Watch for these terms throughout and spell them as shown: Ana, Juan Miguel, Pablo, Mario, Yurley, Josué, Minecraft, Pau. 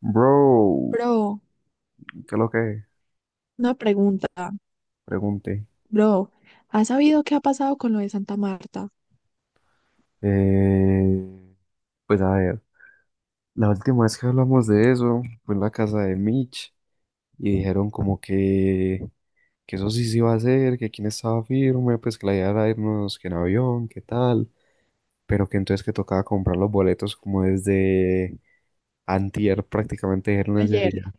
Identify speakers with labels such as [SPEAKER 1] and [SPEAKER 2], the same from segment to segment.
[SPEAKER 1] Bro,
[SPEAKER 2] Bro,
[SPEAKER 1] ¿qué es lo que es?
[SPEAKER 2] una pregunta.
[SPEAKER 1] Pregunté.
[SPEAKER 2] Bro, ¿has sabido qué ha pasado con lo de Santa Marta?
[SPEAKER 1] Eh, pues a ver, la última vez que hablamos de eso fue en la casa de Mitch y dijeron como que eso sí se iba a hacer, que quién estaba firme, pues que la idea era irnos que en avión, qué tal, pero que entonces que tocaba comprar los boletos como desde antier prácticamente dijeron ese
[SPEAKER 2] Ayer.
[SPEAKER 1] día.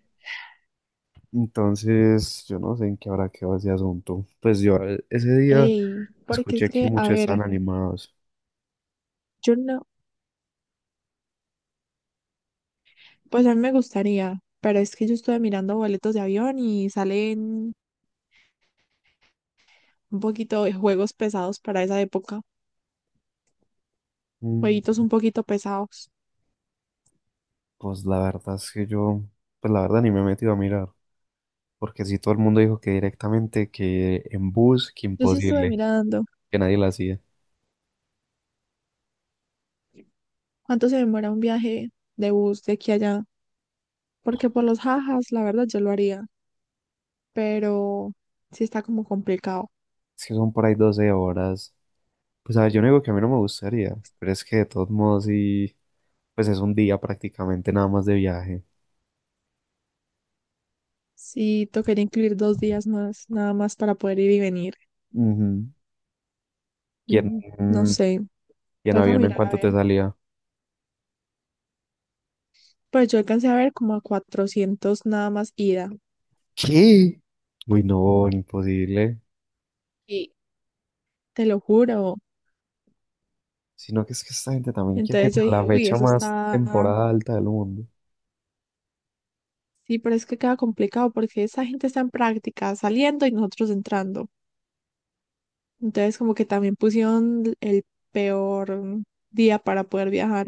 [SPEAKER 1] Entonces, yo no sé en qué habrá quedado ese asunto. Pues yo, ese día
[SPEAKER 2] Ey, porque es
[SPEAKER 1] escuché que
[SPEAKER 2] que, a
[SPEAKER 1] muchos
[SPEAKER 2] ver,
[SPEAKER 1] estaban animados.
[SPEAKER 2] yo no, pues a mí me gustaría, pero es que yo estuve mirando boletos de avión y salen un poquito de juegos pesados para esa época,
[SPEAKER 1] Mm,
[SPEAKER 2] jueguitos un poquito pesados.
[SPEAKER 1] Pues la verdad es que yo, pues la verdad ni me he metido a mirar, porque si todo el mundo dijo que directamente, que en bus, que
[SPEAKER 2] Yo sí estuve
[SPEAKER 1] imposible,
[SPEAKER 2] mirando
[SPEAKER 1] que nadie la hacía.
[SPEAKER 2] cuánto se demora un viaje de bus de aquí a allá, porque por los jajas, la verdad, yo lo haría, pero sí está como complicado.
[SPEAKER 1] Es que son por ahí 12 horas. Pues a ver, yo no digo que a mí no me gustaría, pero es que de todos modos sí, pues es un día prácticamente nada más de viaje.
[SPEAKER 2] Sí, tocaría incluir 2 días más, nada más para poder ir y venir.
[SPEAKER 1] Ujú. ¿Y en,
[SPEAKER 2] Ujú, no
[SPEAKER 1] mm,
[SPEAKER 2] sé,
[SPEAKER 1] ¿y en
[SPEAKER 2] toca
[SPEAKER 1] avión en
[SPEAKER 2] mirar a
[SPEAKER 1] cuánto te
[SPEAKER 2] ver.
[SPEAKER 1] salía?
[SPEAKER 2] Pues yo alcancé a ver como a 400 nada más ida,
[SPEAKER 1] ¿Qué? Uy, no, imposible.
[SPEAKER 2] y te lo juro.
[SPEAKER 1] Sino que es que esta gente también quiere ir
[SPEAKER 2] Entonces yo
[SPEAKER 1] a la
[SPEAKER 2] dije, uy,
[SPEAKER 1] fecha
[SPEAKER 2] eso
[SPEAKER 1] más
[SPEAKER 2] está.
[SPEAKER 1] temporada alta del mundo.
[SPEAKER 2] Sí, pero es que queda complicado porque esa gente está en práctica saliendo y nosotros entrando. Entonces, como que también pusieron el peor día para poder viajar.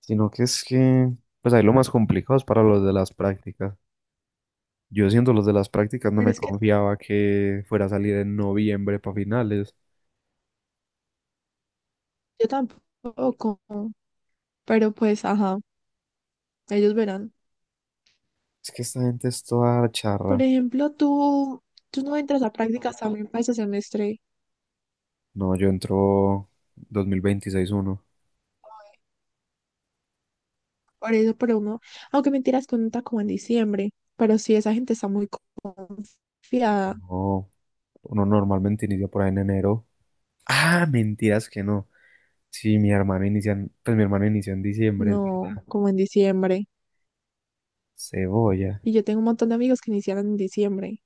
[SPEAKER 1] Sino que es que, pues ahí lo más complicado es para los de las prácticas. Yo siendo los de las prácticas no
[SPEAKER 2] Pero
[SPEAKER 1] me
[SPEAKER 2] es que
[SPEAKER 1] confiaba que fuera a salir en noviembre para finales.
[SPEAKER 2] yo tampoco. Pero pues, ajá, ellos verán.
[SPEAKER 1] Es que esta gente es toda
[SPEAKER 2] Por
[SPEAKER 1] charra.
[SPEAKER 2] ejemplo, tú no entras a prácticas también para ese semestre.
[SPEAKER 1] No, yo entro 2026-1.
[SPEAKER 2] Por eso, pero uno, aunque mentiras, cuenta como en diciembre. Pero sí, esa gente está muy confiada.
[SPEAKER 1] No, uno normalmente inicia por ahí en enero. Ah, mentiras que no. Sí, mi hermano inicia, pues mi hermano inició en diciembre, es
[SPEAKER 2] No,
[SPEAKER 1] verdad.
[SPEAKER 2] como en diciembre.
[SPEAKER 1] Cebolla.
[SPEAKER 2] Y yo tengo un montón de amigos que iniciaron en diciembre.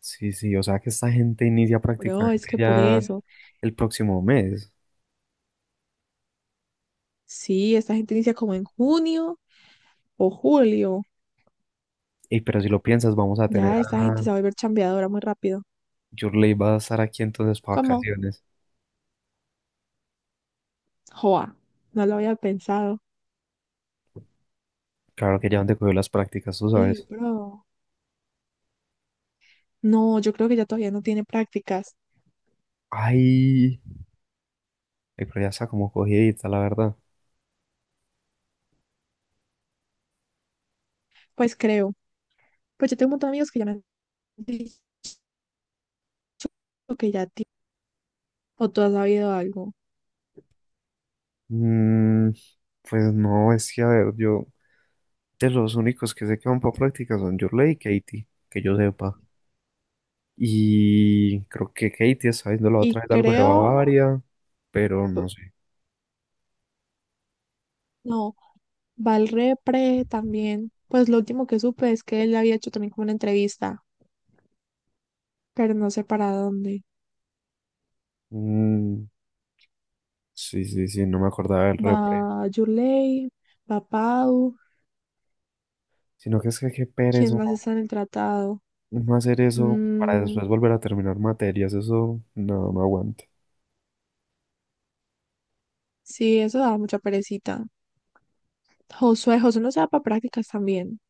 [SPEAKER 1] Sí, sí, o sea que esta gente inicia
[SPEAKER 2] Bro, es
[SPEAKER 1] prácticamente
[SPEAKER 2] que por
[SPEAKER 1] ya
[SPEAKER 2] eso.
[SPEAKER 1] el próximo mes.
[SPEAKER 2] Sí, esta gente inicia como en junio o julio.
[SPEAKER 1] Y pero si lo piensas, vamos a tener
[SPEAKER 2] Ya esta
[SPEAKER 1] a...
[SPEAKER 2] gente se va a volver chambeadora muy rápido.
[SPEAKER 1] Yurley va a estar aquí entonces para
[SPEAKER 2] ¿Cómo?
[SPEAKER 1] vacaciones.
[SPEAKER 2] Joa, no lo había pensado.
[SPEAKER 1] Claro que ya donde cogió las prácticas, tú
[SPEAKER 2] Ey,
[SPEAKER 1] sabes.
[SPEAKER 2] bro. No, yo creo que ya todavía no tiene prácticas.
[SPEAKER 1] Ay, ay, pero ya está como cogidita, la verdad.
[SPEAKER 2] Pues creo. Pues yo tengo un montón de amigos que ya me han dicho que ya tiene, o tú has sabido algo.
[SPEAKER 1] Mm, pues no, es que a ver, yo de los únicos que sé que van para prácticas son Yurley y Katie, que yo sepa. Y creo que Katie está viendo la otra
[SPEAKER 2] Y
[SPEAKER 1] vez algo de
[SPEAKER 2] creo,
[SPEAKER 1] Bavaria, pero no sé.
[SPEAKER 2] no, va al repre también. Pues lo último que supe es que él había hecho también como una entrevista, pero no sé para dónde.
[SPEAKER 1] Mm, sí, sí, sí, no me acordaba del
[SPEAKER 2] Va
[SPEAKER 1] repre.
[SPEAKER 2] Yulei, va Pau.
[SPEAKER 1] Sino que es que qué pereza
[SPEAKER 2] ¿Quién más está en el tratado?
[SPEAKER 1] no hacer eso para
[SPEAKER 2] Mm,
[SPEAKER 1] después volver a terminar materias, eso no, no aguanto.
[SPEAKER 2] sí, eso daba mucha perecita. Josué, Josué no se da para prácticas también.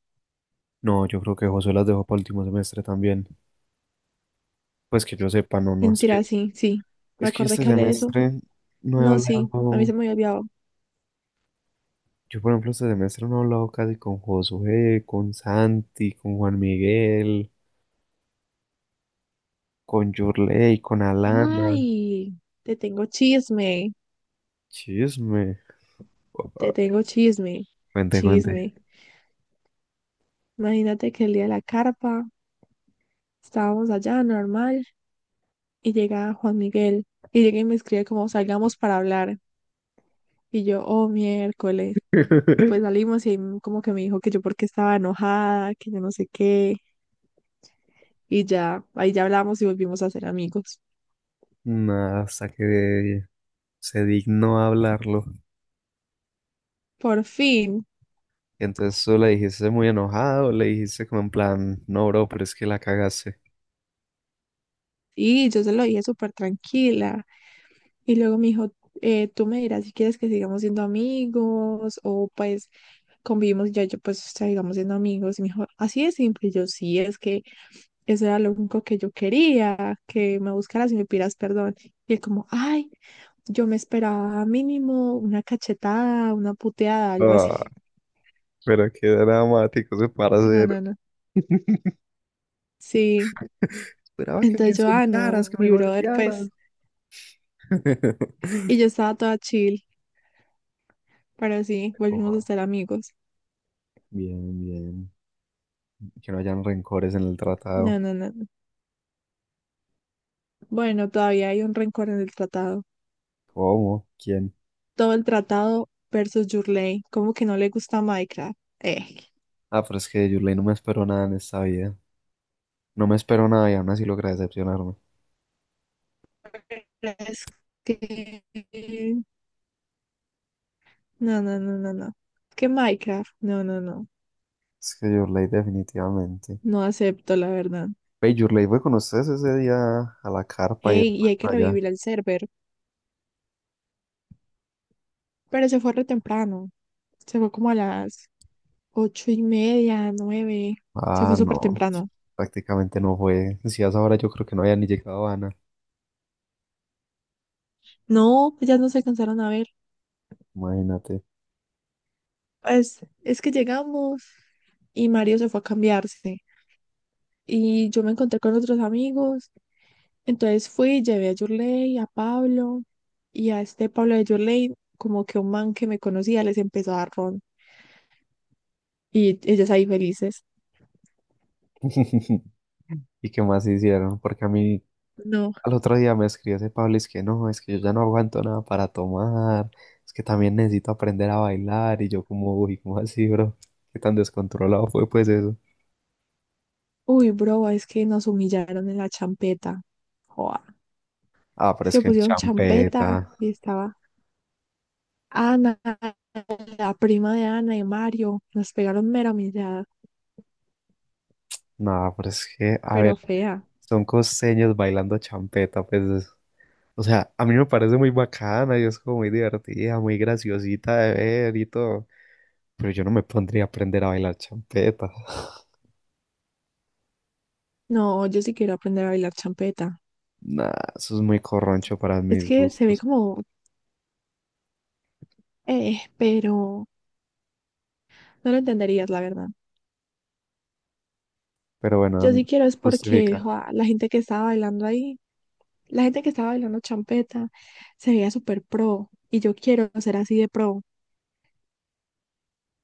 [SPEAKER 1] No, yo creo que José las dejó para último semestre también. Pues que yo sepa, no, no,
[SPEAKER 2] Mentira, sí, sí. Me
[SPEAKER 1] es que
[SPEAKER 2] acordé
[SPEAKER 1] este
[SPEAKER 2] que hablé de eso.
[SPEAKER 1] semestre no he
[SPEAKER 2] No, sí, a mí
[SPEAKER 1] hablado,
[SPEAKER 2] se me había olvidado.
[SPEAKER 1] yo por ejemplo este semestre no he hablado casi con Josué, con Santi, con Juan Miguel, con Yurley, con Alana.
[SPEAKER 2] Ay, te tengo chisme,
[SPEAKER 1] Chisme.
[SPEAKER 2] te
[SPEAKER 1] Papá,
[SPEAKER 2] tengo chisme,
[SPEAKER 1] cuente, cuente.
[SPEAKER 2] chisme. Imagínate que el día de la carpa estábamos allá normal y llega Juan Miguel y llega y me escribe como salgamos para hablar. Y yo, oh, miércoles. Y pues salimos y ahí como que me dijo que yo porque estaba enojada, que yo no sé qué. Y ya, ahí ya hablamos y volvimos a ser amigos.
[SPEAKER 1] Nada, hasta que se dignó a hablarlo.
[SPEAKER 2] Por fin.
[SPEAKER 1] Entonces tú le dijiste muy enojado, le dijiste como en plan, no, bro, pero es que la cagaste.
[SPEAKER 2] Y yo se lo dije súper tranquila. Y luego me dijo, tú me dirás si quieres que sigamos siendo amigos o pues convivimos ya, yo pues sigamos siendo amigos. Y me dijo, así de simple. Y yo sí, es que eso era lo único que yo quería, que me buscaras y me pidas perdón. Y él como, ay, yo me esperaba mínimo una cachetada, una puteada, algo así.
[SPEAKER 1] Ah, pero qué dramático ese
[SPEAKER 2] No,
[SPEAKER 1] hacer.
[SPEAKER 2] no, no. Sí.
[SPEAKER 1] Esperaba que me
[SPEAKER 2] Entonces yo, ah,
[SPEAKER 1] insultaras,
[SPEAKER 2] no,
[SPEAKER 1] que me
[SPEAKER 2] mi brother,
[SPEAKER 1] golpearas.
[SPEAKER 2] pues. Y yo estaba toda chill, pero sí, volvimos a
[SPEAKER 1] Oh,
[SPEAKER 2] ser amigos.
[SPEAKER 1] bien, bien. Que no hayan rencores en el tratado.
[SPEAKER 2] No, no, no. No. Bueno, todavía hay un rencor en el tratado.
[SPEAKER 1] ¿Cómo? ¿Quién?
[SPEAKER 2] Todo el tratado versus Yurley. Como que no le gusta Minecraft.
[SPEAKER 1] Ah, pero es que de Yurley no me esperó nada en esta vida. No me esperó nada y aún así logra decepcionarme.
[SPEAKER 2] Es que. No, no, no, no, no. Que Minecraft. No, no, no.
[SPEAKER 1] Es que Yurley definitivamente.
[SPEAKER 2] No acepto, la verdad.
[SPEAKER 1] Ve, Yurley fue con ustedes ese día a la carpa y
[SPEAKER 2] Ey, y
[SPEAKER 1] después
[SPEAKER 2] hay que
[SPEAKER 1] para allá.
[SPEAKER 2] revivir el server. Pero se fue re temprano. Se fue como a las ocho y media, nueve. Se
[SPEAKER 1] Ah,
[SPEAKER 2] fue súper
[SPEAKER 1] no,
[SPEAKER 2] temprano.
[SPEAKER 1] prácticamente no fue. Si a esa hora yo creo que no había ni llegado Ana,
[SPEAKER 2] No, pues ya no se alcanzaron a ver.
[SPEAKER 1] imagínate.
[SPEAKER 2] Pues es que llegamos y Mario se fue a cambiarse. Y yo me encontré con otros amigos. Entonces fui, llevé a Yurley, a Pablo y a este Pablo de Yurley, como que un man que me conocía les empezó a dar ron. Y ellos ahí felices.
[SPEAKER 1] ¿Y qué más hicieron? Porque a mí
[SPEAKER 2] No.
[SPEAKER 1] al otro día me escribió ese Pablo, es que no, es que yo ya no aguanto nada para tomar, es que también necesito aprender a bailar y yo como, uy, ¿cómo así, bro? ¿Qué tan descontrolado fue pues eso?
[SPEAKER 2] Uy, bro, es que nos humillaron en la champeta. Joa.
[SPEAKER 1] Ah, pero
[SPEAKER 2] Es
[SPEAKER 1] es
[SPEAKER 2] que
[SPEAKER 1] que en
[SPEAKER 2] pusieron champeta
[SPEAKER 1] champeta,
[SPEAKER 2] y estaba Ana, la prima de Ana y Mario, nos pegaron mera humillada,
[SPEAKER 1] no, pero es que, a ver,
[SPEAKER 2] pero fea.
[SPEAKER 1] son costeños bailando champeta, pues o sea, a mí me parece muy bacana y es como muy divertida, muy graciosita de ver y todo. Pero yo no me pondría a aprender a bailar champeta.
[SPEAKER 2] No, yo sí quiero aprender a bailar champeta.
[SPEAKER 1] Nah, eso es muy corroncho para
[SPEAKER 2] Es
[SPEAKER 1] mis
[SPEAKER 2] que se ve
[SPEAKER 1] gustos.
[SPEAKER 2] como, pero no lo entenderías, la verdad.
[SPEAKER 1] Pero
[SPEAKER 2] Yo
[SPEAKER 1] bueno,
[SPEAKER 2] sí quiero es porque
[SPEAKER 1] justifica.
[SPEAKER 2] joa, la gente que estaba bailando ahí, la gente que estaba bailando champeta, se veía súper pro y yo quiero ser así de pro.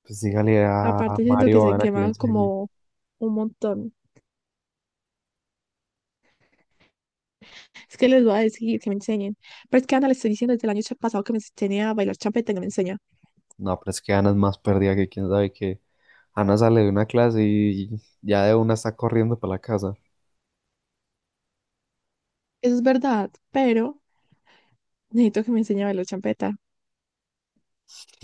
[SPEAKER 1] Pues dígale a
[SPEAKER 2] Aparte, siento que
[SPEAKER 1] Mario o a
[SPEAKER 2] se
[SPEAKER 1] Ana que le
[SPEAKER 2] quemaron
[SPEAKER 1] enseñe.
[SPEAKER 2] como un montón. Es que les voy a decir que me enseñen. Pero es que a Ana le estoy diciendo desde el año pasado que me enseñe a bailar champeta y no me enseña.
[SPEAKER 1] No, pero es que Ana es más perdida que quién sabe qué, Ana sale de una clase y ya de una está corriendo para la casa.
[SPEAKER 2] Eso es verdad, pero necesito que me enseñe a bailar champeta.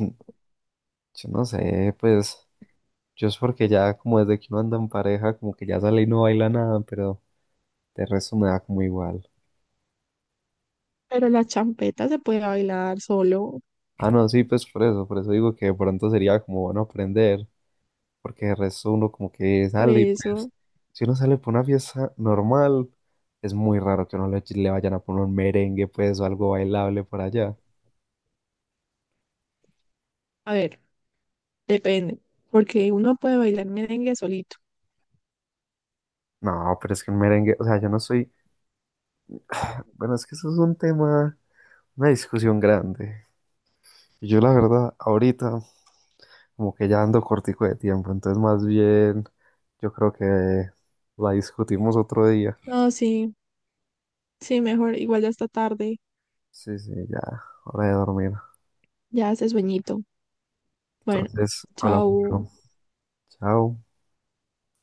[SPEAKER 1] Yo no sé, pues yo es porque ya como desde que uno anda en pareja, como que ya sale y no baila nada, pero de resto me da como igual.
[SPEAKER 2] Pero la champeta se puede bailar solo,
[SPEAKER 1] Ah, no, sí, pues por eso digo que de pronto sería como bueno aprender, porque de resto uno como que
[SPEAKER 2] por
[SPEAKER 1] sale y pues,
[SPEAKER 2] eso.
[SPEAKER 1] si uno sale por una fiesta normal, es muy raro que uno le vayan a poner un merengue, pues, o algo bailable por allá.
[SPEAKER 2] A ver, depende, porque uno puede bailar merengue solito.
[SPEAKER 1] No, pero es que un merengue, o sea, yo no soy, bueno, es que eso es un tema, una discusión grande. Y yo la verdad, ahorita como que ya ando cortico de tiempo, entonces más bien yo creo que la discutimos otro día.
[SPEAKER 2] No, sí, sí, mejor, igual ya está tarde,
[SPEAKER 1] Sí, sí, ya, hora de dormir.
[SPEAKER 2] ya hace sueñito. Bueno,
[SPEAKER 1] Entonces, hablamos
[SPEAKER 2] chao.
[SPEAKER 1] luego. Chao.